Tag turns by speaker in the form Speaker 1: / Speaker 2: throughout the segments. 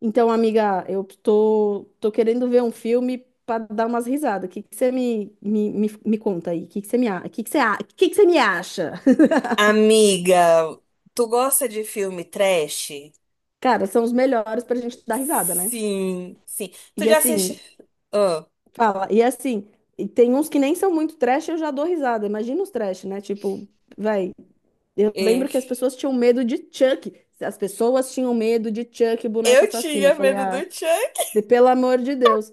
Speaker 1: Então, amiga, eu tô querendo ver um filme para dar umas risadas. O que que você me conta aí? O que que você me, a- o que que você, a- o que que você me acha?
Speaker 2: Amiga, tu gosta de filme trash?
Speaker 1: Cara, são os melhores pra gente dar risada, né?
Speaker 2: Sim, sim. Tu
Speaker 1: E
Speaker 2: já assiste?
Speaker 1: assim,
Speaker 2: Ah,
Speaker 1: fala, e assim, e tem uns que nem são muito trash, eu já dou risada. Imagina os trash, né? Tipo, vai, eu
Speaker 2: e-
Speaker 1: lembro que as pessoas tinham medo de Chuck. As pessoas tinham medo de Chuck, boneco
Speaker 2: eu
Speaker 1: assassino. Eu
Speaker 2: tinha
Speaker 1: falei,
Speaker 2: medo do
Speaker 1: ah, de
Speaker 2: Chuck.
Speaker 1: pelo amor de Deus.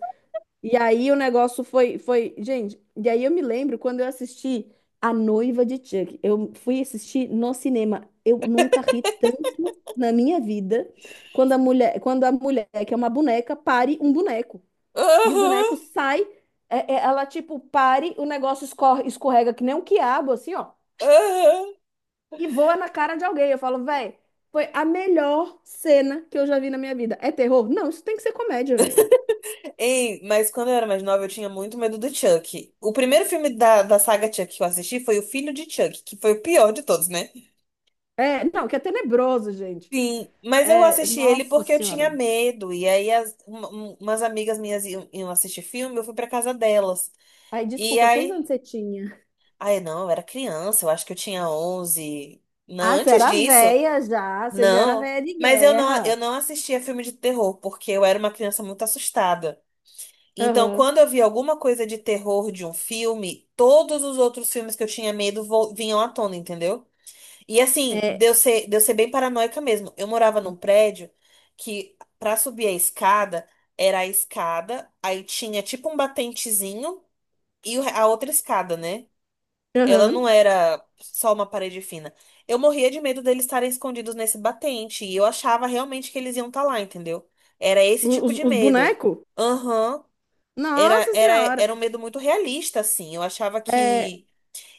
Speaker 1: E aí o negócio foi, gente, e aí eu me lembro quando eu assisti A Noiva de Chuck. Eu fui assistir no cinema. Eu nunca ri tanto na minha vida quando a mulher que é uma boneca pare um boneco. E o
Speaker 2: Aham,
Speaker 1: boneco sai, ela tipo pare, o negócio escorre, escorrega que nem um quiabo assim, ó,
Speaker 2: aham.
Speaker 1: e voa na cara de alguém. Eu falo, velho, foi a melhor cena que eu já vi na minha vida. É terror? Não, isso tem que ser comédia, velho.
Speaker 2: Ei, mas quando eu era mais nova, eu tinha muito medo do Chuck. O primeiro filme da saga Chuck que eu assisti foi O Filho de Chuck, que foi o pior de todos, né?
Speaker 1: É, não, que é tenebroso, gente.
Speaker 2: Sim, mas eu
Speaker 1: É,
Speaker 2: assisti ele
Speaker 1: nossa
Speaker 2: porque eu tinha
Speaker 1: senhora.
Speaker 2: medo. E aí, umas amigas minhas iam assistir filme, eu fui pra casa delas.
Speaker 1: Ai,
Speaker 2: E
Speaker 1: desculpa, quantos
Speaker 2: aí.
Speaker 1: anos você tinha?
Speaker 2: Ai, não, eu era criança, eu acho que eu tinha 11. Não,
Speaker 1: Ah, você
Speaker 2: antes
Speaker 1: era
Speaker 2: disso,
Speaker 1: velha já, você já era
Speaker 2: não.
Speaker 1: velha de
Speaker 2: Mas eu não,
Speaker 1: guerra.
Speaker 2: eu não assistia filme de terror, porque eu era uma criança muito assustada. Então,
Speaker 1: Aham.
Speaker 2: quando eu via alguma coisa de terror de um filme, todos os outros filmes que eu tinha medo vinham à tona, entendeu? E assim,
Speaker 1: É,
Speaker 2: deu ser bem paranoica mesmo. Eu morava num prédio que, pra subir a escada, era a escada, aí tinha tipo um batentezinho e a outra escada, né? Ela
Speaker 1: aham.
Speaker 2: não era só uma parede fina. Eu morria de medo deles estarem escondidos nesse batente. E eu achava realmente que eles iam estar lá, entendeu? Era esse tipo de
Speaker 1: Os
Speaker 2: medo.
Speaker 1: bonecos?
Speaker 2: Aham. Era,
Speaker 1: Nossa
Speaker 2: era,
Speaker 1: senhora.
Speaker 2: era um medo muito realista, assim. Eu achava que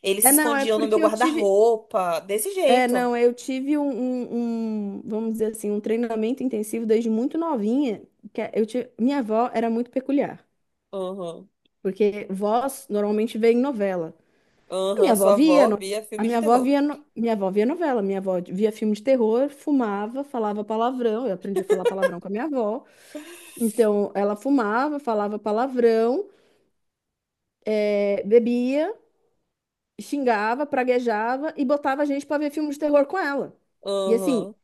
Speaker 2: eles se
Speaker 1: É, não, é
Speaker 2: escondiam no
Speaker 1: porque
Speaker 2: meu
Speaker 1: eu tive.
Speaker 2: guarda-roupa. Desse
Speaker 1: É,
Speaker 2: jeito.
Speaker 1: não, eu tive um, vamos dizer assim, um treinamento intensivo desde muito novinha. Que é, eu tive, minha avó era muito peculiar,
Speaker 2: Aham.
Speaker 1: porque vós normalmente vê em novela. A minha
Speaker 2: Aham.
Speaker 1: avó
Speaker 2: Sua
Speaker 1: via,
Speaker 2: avó via
Speaker 1: a
Speaker 2: filme de
Speaker 1: minha avó
Speaker 2: terror.
Speaker 1: via, minha avó via novela, minha avó via filme de terror, fumava, falava palavrão. Eu aprendi a falar palavrão com a minha avó. Então, ela fumava, falava palavrão, bebia, xingava, praguejava e botava a gente para ver filme de terror com ela. E assim,
Speaker 2: Aham.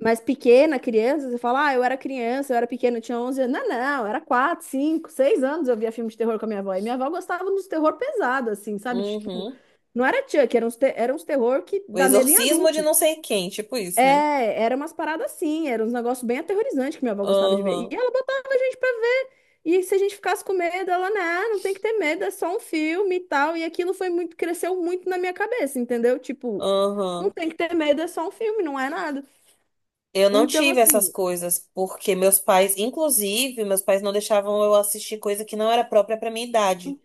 Speaker 1: mas pequena, criança, você fala, ah, eu era criança, eu era pequena, eu tinha 11 anos. Não, não, eu era 4 5 6 anos eu via filme de terror com a minha avó. E minha avó gostava dos terror pesado, assim, sabe? Tipo,
Speaker 2: Uhum.
Speaker 1: não era Chuck, era uns, era uns terror que
Speaker 2: O
Speaker 1: dá medo em
Speaker 2: exorcismo de
Speaker 1: adulto.
Speaker 2: não sei quem. Tipo isso, né?
Speaker 1: É, era umas paradas assim, era uns negócios bem aterrorizantes que minha avó gostava de ver. E
Speaker 2: Aham.
Speaker 1: ela botava a gente pra ver. E se a gente ficasse com medo, ela, não, não tem que ter medo, é só um filme e tal. E aquilo foi muito, cresceu muito na minha cabeça, entendeu? Tipo, não
Speaker 2: Aham.
Speaker 1: tem que ter medo, é só um filme, não é nada.
Speaker 2: Eu não
Speaker 1: Então,
Speaker 2: tive essas
Speaker 1: assim,
Speaker 2: coisas, porque meus pais, inclusive, meus pais não deixavam eu assistir coisa que não era própria para minha idade.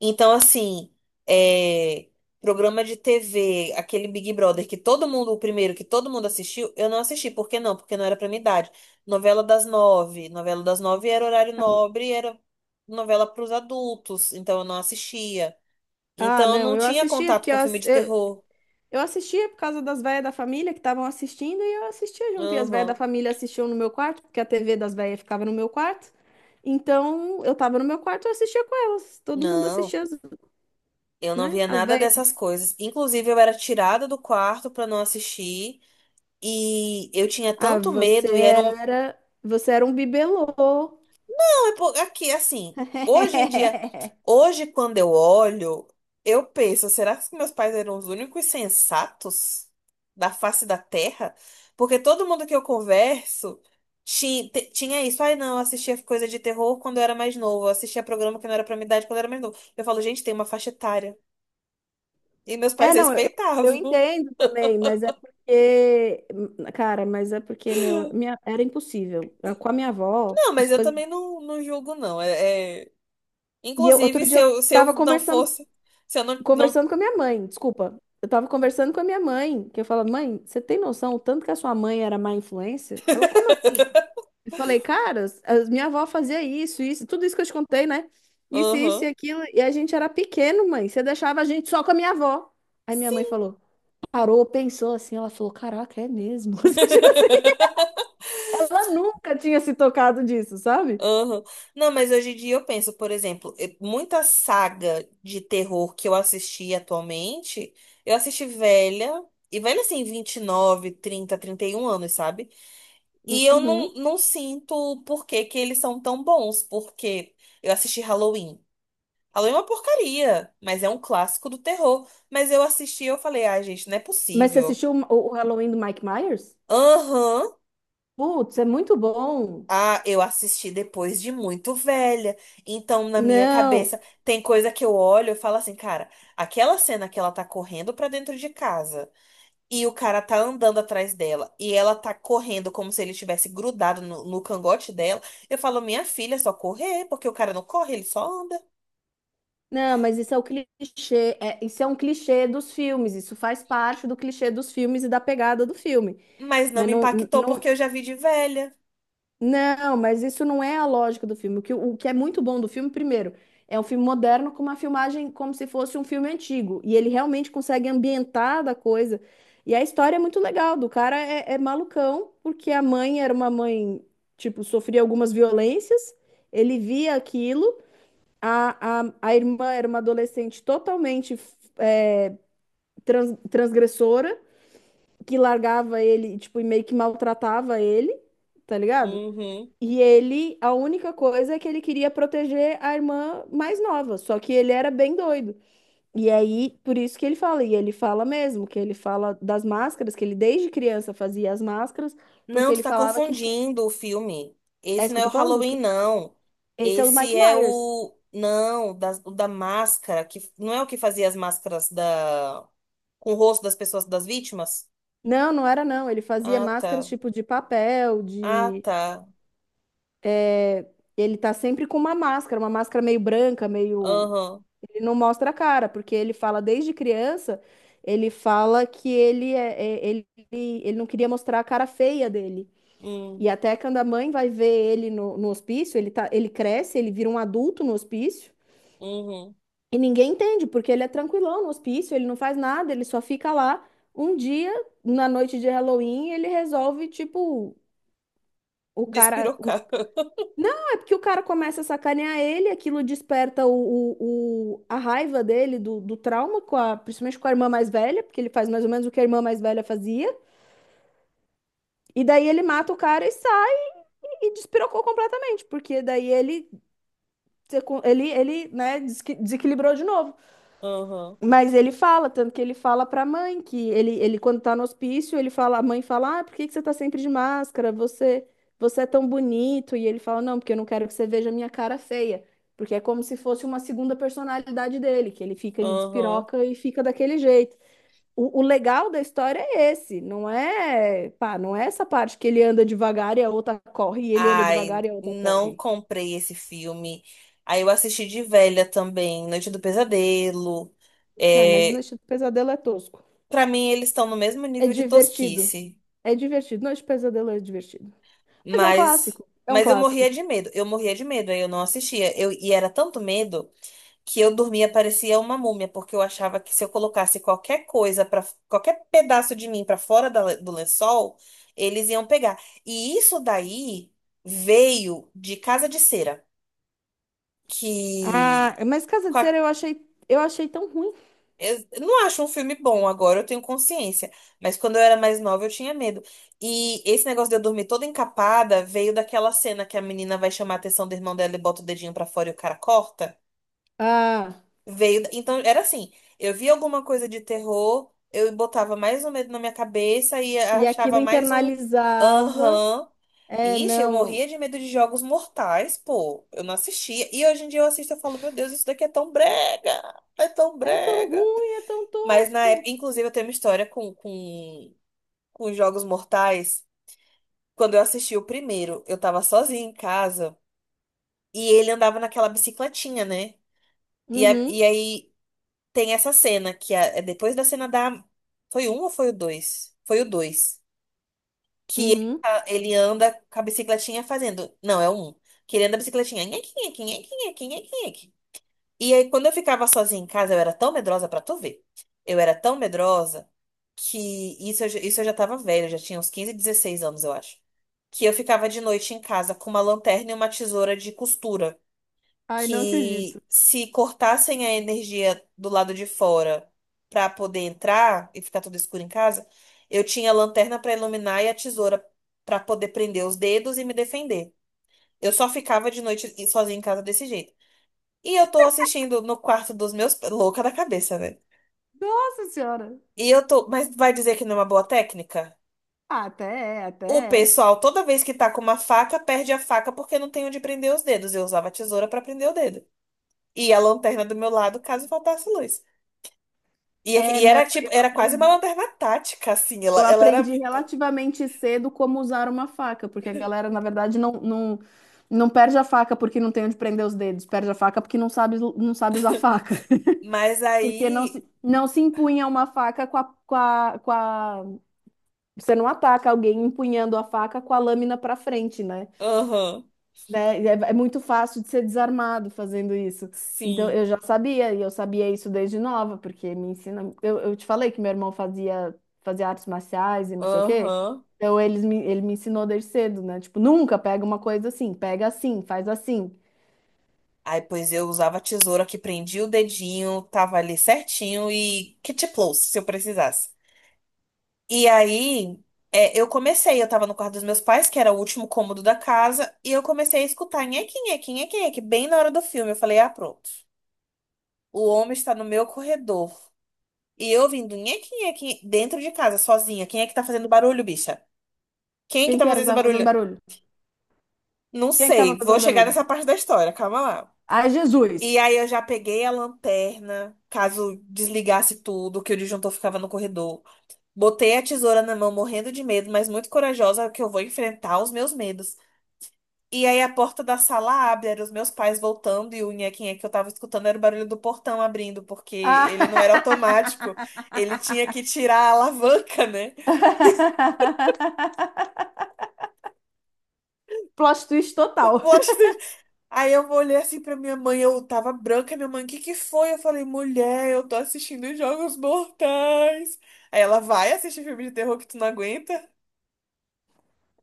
Speaker 2: Então, assim, é, programa de TV, aquele Big Brother que todo mundo, o primeiro que todo mundo assistiu, eu não assisti. Por que não? Porque não era pra minha idade. Novela das nove. Novela das nove era horário nobre, era novela pros adultos, então eu não assistia.
Speaker 1: ah,
Speaker 2: Então, eu
Speaker 1: não,
Speaker 2: não
Speaker 1: eu
Speaker 2: tinha
Speaker 1: assistia
Speaker 2: contato
Speaker 1: porque
Speaker 2: com filme de terror.
Speaker 1: eu assistia por causa das velhas da família que estavam assistindo e eu assistia junto. E as velhas da
Speaker 2: Aham.
Speaker 1: família assistiam no meu quarto, porque a TV das velhas ficava no meu quarto. Então, eu tava no meu quarto e eu assistia com elas. Todo mundo
Speaker 2: Não.
Speaker 1: assistia
Speaker 2: Eu não
Speaker 1: né?
Speaker 2: via
Speaker 1: As
Speaker 2: nada
Speaker 1: velhas.
Speaker 2: dessas coisas. Inclusive, eu era tirada do quarto pra não assistir. E eu tinha
Speaker 1: Ah,
Speaker 2: tanto
Speaker 1: você
Speaker 2: medo e era um.
Speaker 1: era. Você era um bibelô.
Speaker 2: Não, aqui, assim. Hoje em dia, hoje quando eu olho, eu penso, será que meus pais eram os únicos sensatos da face da Terra? Porque todo mundo que eu converso tinha isso. Ai, não, eu assistia coisa de terror quando eu era mais novo. Eu assistia programa que não era pra minha idade quando eu era mais novo. Eu falo, gente, tem uma faixa etária. E meus
Speaker 1: É,
Speaker 2: pais
Speaker 1: não, eu
Speaker 2: respeitavam.
Speaker 1: entendo também, mas é porque. Cara, mas é porque era impossível. Com a minha avó,
Speaker 2: Não,
Speaker 1: as
Speaker 2: mas eu
Speaker 1: coisas.
Speaker 2: também não julgo, não.
Speaker 1: E eu, outro
Speaker 2: Inclusive, se
Speaker 1: dia eu
Speaker 2: eu, se
Speaker 1: tava
Speaker 2: eu não
Speaker 1: conversando,
Speaker 2: fosse. Se eu não. Não...
Speaker 1: conversando com a minha mãe, desculpa. Eu tava conversando com a minha mãe, que eu falo, mãe, você tem noção o tanto que a sua mãe era má influência? Ela, como assim? E falei, cara, minha avó fazia isso, isso, tudo isso que eu te contei, né? Isso e
Speaker 2: Aham.
Speaker 1: aquilo. E a gente era pequeno, mãe. Você deixava a gente só com a minha avó. Aí minha mãe
Speaker 2: Sim.
Speaker 1: falou, parou, pensou assim. Ela falou, caraca, é mesmo. Tipo assim, ela nunca tinha se tocado disso, sabe?
Speaker 2: Aham. Não, mas hoje em dia eu penso, por exemplo, muita saga de terror que eu assisti atualmente, eu assisti velha, e velha assim, 29, 30, 31 anos, sabe? E eu
Speaker 1: Uhum.
Speaker 2: não, não sinto por que que eles são tão bons, porque eu assisti Halloween. Halloween é uma porcaria, mas é um clássico do terror. Mas eu assisti e eu falei, ah, gente, não é
Speaker 1: Mas você
Speaker 2: possível.
Speaker 1: assistiu o Halloween do Mike Myers?
Speaker 2: Aham.
Speaker 1: Putz, é muito bom.
Speaker 2: Ah, eu assisti depois de muito velha. Então, na minha
Speaker 1: Não,
Speaker 2: cabeça, tem coisa que eu olho e falo assim, cara, aquela cena que ela tá correndo pra dentro de casa e o cara tá andando atrás dela e ela tá correndo como se ele tivesse grudado no cangote dela, eu falo, minha filha, é só correr, porque o cara não corre, ele só anda.
Speaker 1: não, mas isso é o clichê. Isso é um clichê dos filmes. Isso faz parte do clichê dos filmes e da pegada do filme.
Speaker 2: Mas não
Speaker 1: Mas
Speaker 2: me
Speaker 1: não,
Speaker 2: impactou
Speaker 1: não,
Speaker 2: porque eu já vi de velha.
Speaker 1: Não, mas isso não é a lógica do filme. O que é muito bom do filme, primeiro, é um filme moderno com uma filmagem como se fosse um filme antigo. E ele realmente consegue ambientar da coisa. E a história é muito legal, do cara é, é malucão, porque a mãe era uma mãe, tipo, sofria algumas violências, ele via aquilo, a irmã era uma adolescente totalmente transgressora, que largava ele, tipo, e meio que maltratava ele, tá ligado?
Speaker 2: Uhum.
Speaker 1: E ele, a única coisa é que ele queria proteger a irmã mais nova, só que ele era bem doido. E aí, por isso que ele fala, e ele fala mesmo, que ele fala das máscaras, que ele desde criança fazia as máscaras, porque
Speaker 2: Não, tu
Speaker 1: ele
Speaker 2: tá
Speaker 1: falava que...
Speaker 2: confundindo o filme.
Speaker 1: É
Speaker 2: Esse
Speaker 1: isso que
Speaker 2: não
Speaker 1: eu
Speaker 2: é o
Speaker 1: tô falando?
Speaker 2: Halloween, não.
Speaker 1: Esse é o
Speaker 2: Esse
Speaker 1: Mike
Speaker 2: é
Speaker 1: Myers.
Speaker 2: o. Não, o da máscara, que não é o que fazia as máscaras da... com o rosto das pessoas, das vítimas?
Speaker 1: Não, não era não, ele fazia
Speaker 2: Ah,
Speaker 1: máscaras
Speaker 2: tá.
Speaker 1: tipo de papel,
Speaker 2: Ah,
Speaker 1: de...
Speaker 2: tá.
Speaker 1: é, Ele tá sempre com uma máscara meio branca, meio...
Speaker 2: Aham.
Speaker 1: Ele não mostra a cara, porque ele fala desde criança, ele fala que ele, é, é- ele não queria mostrar a cara feia dele. E
Speaker 2: Hum,
Speaker 1: até quando a mãe vai ver ele no, no hospício, ele tá, ele cresce, ele vira um adulto no hospício,
Speaker 2: uhum.
Speaker 1: e ninguém entende, porque ele é tranquilão no hospício, ele não faz nada, ele só fica lá. Um dia, na noite de Halloween, ele resolve, tipo, o cara, um...
Speaker 2: Despirocar.
Speaker 1: Não, é porque o cara começa a sacanear ele, aquilo desperta a raiva dele, do, do trauma, principalmente com a irmã mais velha, porque ele faz mais ou menos o que a irmã mais velha fazia. E daí ele mata o cara e sai e despirocou completamente, porque daí ele, né, desequilibrou de novo.
Speaker 2: Aham.
Speaker 1: Mas ele fala, tanto que ele fala pra mãe que ele quando tá no hospício, ele fala, a mãe fala: "Ah, por que que você tá sempre de máscara? Você é tão bonito". E ele fala: "Não, porque eu não quero que você veja a minha cara feia". Porque é como se fosse uma segunda personalidade dele, que ele fica, ele
Speaker 2: Aham.
Speaker 1: despiroca e fica daquele jeito. O legal da história é esse, não é, pá, não é essa parte que ele anda devagar e a outra corre, e ele anda
Speaker 2: Ai,
Speaker 1: devagar e a outra
Speaker 2: não
Speaker 1: corre.
Speaker 2: comprei esse filme. Aí eu assisti de velha também, Noite do Pesadelo.
Speaker 1: Não, mas
Speaker 2: É,
Speaker 1: Noite do Pesadelo é tosco.
Speaker 2: pra mim, eles estão no mesmo
Speaker 1: É
Speaker 2: nível de
Speaker 1: divertido.
Speaker 2: tosquice,
Speaker 1: É divertido. Noite do Pesadelo é divertido. Mas é um
Speaker 2: mas
Speaker 1: clássico. É um
Speaker 2: mas eu
Speaker 1: clássico.
Speaker 2: morria de medo. Eu morria de medo, aí eu não assistia. Eu e era tanto medo que eu dormia parecia uma múmia, porque eu achava que se eu colocasse qualquer coisa para qualquer pedaço de mim pra fora do lençol, eles iam pegar. E isso daí veio de Casa de Cera, que
Speaker 1: Ah, mas Casa
Speaker 2: com
Speaker 1: de Cera
Speaker 2: a...
Speaker 1: eu achei tão ruim.
Speaker 2: Eu não acho um filme bom agora, eu tenho consciência. Mas quando eu era mais nova, eu tinha medo. E esse negócio de eu dormir toda encapada veio daquela cena que a menina vai chamar a atenção do irmão dela e bota o dedinho pra fora e o cara corta.
Speaker 1: Ah,
Speaker 2: Veio. Então, era assim: eu via alguma coisa de terror, eu botava mais um medo na minha cabeça e
Speaker 1: e aquilo
Speaker 2: achava mais um
Speaker 1: internalizava.
Speaker 2: aham.
Speaker 1: É,
Speaker 2: Ixi, eu
Speaker 1: não.
Speaker 2: morria de medo de jogos mortais, pô. Eu não assistia. E hoje em dia eu assisto e falo: meu Deus, isso daqui é tão brega! É tão
Speaker 1: É tão
Speaker 2: brega!
Speaker 1: ruim, é tão
Speaker 2: Mas na
Speaker 1: tosco.
Speaker 2: época, inclusive, eu tenho uma história com os Jogos Mortais. Quando eu assisti o primeiro, eu tava sozinha em casa e ele andava naquela bicicletinha, né? E, a-
Speaker 1: Uhum,
Speaker 2: e aí tem essa cena é depois da cena da. Foi um ou foi o dois? Foi o dois. Que ele,
Speaker 1: uhum.
Speaker 2: ele anda com a bicicletinha fazendo. Não, é o um. Que ele anda a bicicletinha. Nhequinha, nhequinha, nhequinha, nhequinha, nhequinha. E aí, quando eu ficava sozinha em casa, eu era tão medrosa pra tu ver. Eu era tão medrosa que isso eu, isso eu já tava velha, eu já tinha uns 15, 16 anos, eu acho. Que eu ficava de noite em casa com uma lanterna e uma tesoura de costura.
Speaker 1: Ai, não acredito.
Speaker 2: Que se cortassem a energia do lado de fora pra poder entrar e ficar tudo escuro em casa, eu tinha a lanterna pra iluminar e a tesoura pra poder prender os dedos e me defender. Eu só ficava de noite sozinha em casa desse jeito. E eu tô assistindo no quarto dos meus. Louca da cabeça, velho.
Speaker 1: Nossa senhora.
Speaker 2: E eu tô. Mas vai dizer que não é uma boa técnica?
Speaker 1: Ah, até é,
Speaker 2: O
Speaker 1: até
Speaker 2: pessoal, toda vez que tá com uma faca, perde a faca porque não tem onde prender os dedos. Eu usava a tesoura pra prender o dedo. E a lanterna do meu lado, caso faltasse luz.
Speaker 1: é. É,
Speaker 2: E
Speaker 1: não,
Speaker 2: era
Speaker 1: eu
Speaker 2: tipo, era quase uma
Speaker 1: aprendi,
Speaker 2: lanterna tática, assim. Ela,
Speaker 1: eu
Speaker 2: ela era.
Speaker 1: aprendi relativamente cedo como usar uma faca, porque a galera, na verdade, não perde a faca porque não tem onde prender os dedos, perde a faca porque não sabe, não sabe usar faca.
Speaker 2: Mas
Speaker 1: Porque
Speaker 2: aí.
Speaker 1: não se empunha uma faca Você não ataca alguém empunhando a faca com a lâmina para frente, né?
Speaker 2: Aham.
Speaker 1: Né? É, é muito fácil de ser desarmado fazendo isso. Então,
Speaker 2: Sim.
Speaker 1: eu já sabia, e eu sabia isso desde nova, porque me ensina. Eu te falei que meu irmão fazia artes marciais e não sei o quê.
Speaker 2: Aham.
Speaker 1: Então, ele me ensinou desde cedo, né? Tipo, nunca pega uma coisa assim, pega assim, faz assim.
Speaker 2: Aí, pois eu usava a tesoura que prendia o dedinho, tava ali certinho e kit close, se eu precisasse. E aí, eu comecei, eu tava no quarto dos meus pais, que era o último cômodo da casa, e eu comecei a escutar nheque, nheque, nheque, nheque, bem na hora do filme. Eu falei, ah, pronto. O homem está no meu corredor. E eu ouvindo nheque, nheque, dentro de casa, sozinha. Quem é que tá fazendo barulho, bicha? Quem é que
Speaker 1: Quem
Speaker 2: tá
Speaker 1: que era
Speaker 2: fazendo
Speaker 1: que
Speaker 2: esse
Speaker 1: tava fazendo
Speaker 2: barulho?
Speaker 1: barulho?
Speaker 2: Não
Speaker 1: Quem é que tava
Speaker 2: sei, vou
Speaker 1: fazendo
Speaker 2: chegar
Speaker 1: barulho?
Speaker 2: nessa parte da história, calma lá.
Speaker 1: Ai,
Speaker 2: E
Speaker 1: Jesus!
Speaker 2: aí eu já peguei a lanterna, caso desligasse tudo, que o disjuntor ficava no corredor. Botei a tesoura na mão, morrendo de medo, mas muito corajosa que eu vou enfrentar os meus medos. E aí a porta da sala abre, eram os meus pais voltando e o nhequinha que eu tava escutando era o barulho do portão abrindo, porque ele não era automático,
Speaker 1: Ah!
Speaker 2: ele tinha que tirar a alavanca, né?
Speaker 1: Plot twist
Speaker 2: O
Speaker 1: total.
Speaker 2: plot twist. Aí eu olhei assim pra minha mãe, eu tava branca, minha mãe, o que que foi? Eu falei, mulher, eu tô assistindo Jogos Mortais. Aí ela vai assistir filme de terror que tu não aguenta?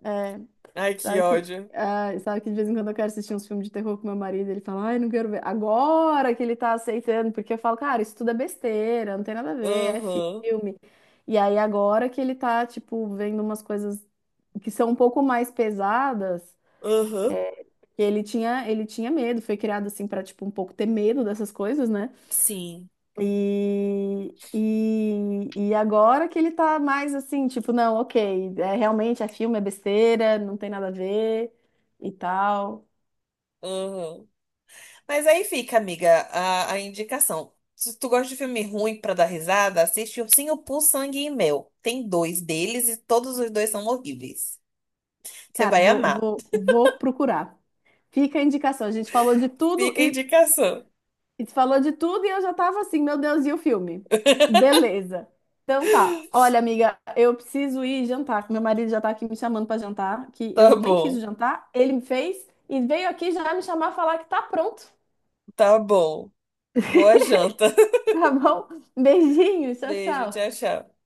Speaker 1: É,
Speaker 2: Ai, que
Speaker 1: sabe que,
Speaker 2: ódio.
Speaker 1: ah, sabe que de vez em quando eu quero assistir uns filmes de terror com meu marido, ele fala, ai, não quero ver. Agora que ele tá aceitando, porque eu falo, cara, isso tudo é besteira, não tem nada a ver, é
Speaker 2: Aham,
Speaker 1: filme. E aí agora que ele tá, tipo, vendo umas coisas que são um pouco mais pesadas,
Speaker 2: aham,
Speaker 1: é, ele tinha medo, foi criado assim pra, tipo, um pouco ter medo dessas coisas, né?
Speaker 2: sim.
Speaker 1: E, e agora que ele tá mais assim, tipo, não, ok, é, realmente é filme, é besteira, não tem nada a ver e tal.
Speaker 2: Uhum. Mas aí fica, amiga, a indicação. Se tu gosta de filme ruim pra dar risada, assiste Ursinho Pooh, Sangue e Mel. Tem dois deles e todos os dois são horríveis. Você
Speaker 1: Cara,
Speaker 2: vai amar.
Speaker 1: vou procurar. Fica a indicação. A gente falou de tudo
Speaker 2: Fica a
Speaker 1: e,
Speaker 2: indicação.
Speaker 1: e falou de tudo e eu já tava assim, meu Deus, e o filme? Beleza. Então tá. Olha, amiga, eu preciso ir jantar, que meu marido já tá aqui me chamando pra jantar, que eu
Speaker 2: Tá
Speaker 1: nem fiz o
Speaker 2: bom,
Speaker 1: jantar, ele me fez e veio aqui já me chamar falar que tá pronto.
Speaker 2: tá bom. Boa janta.
Speaker 1: Tá bom? Beijinho, tchau,
Speaker 2: Beijo,
Speaker 1: tchau.
Speaker 2: tchau, tchau.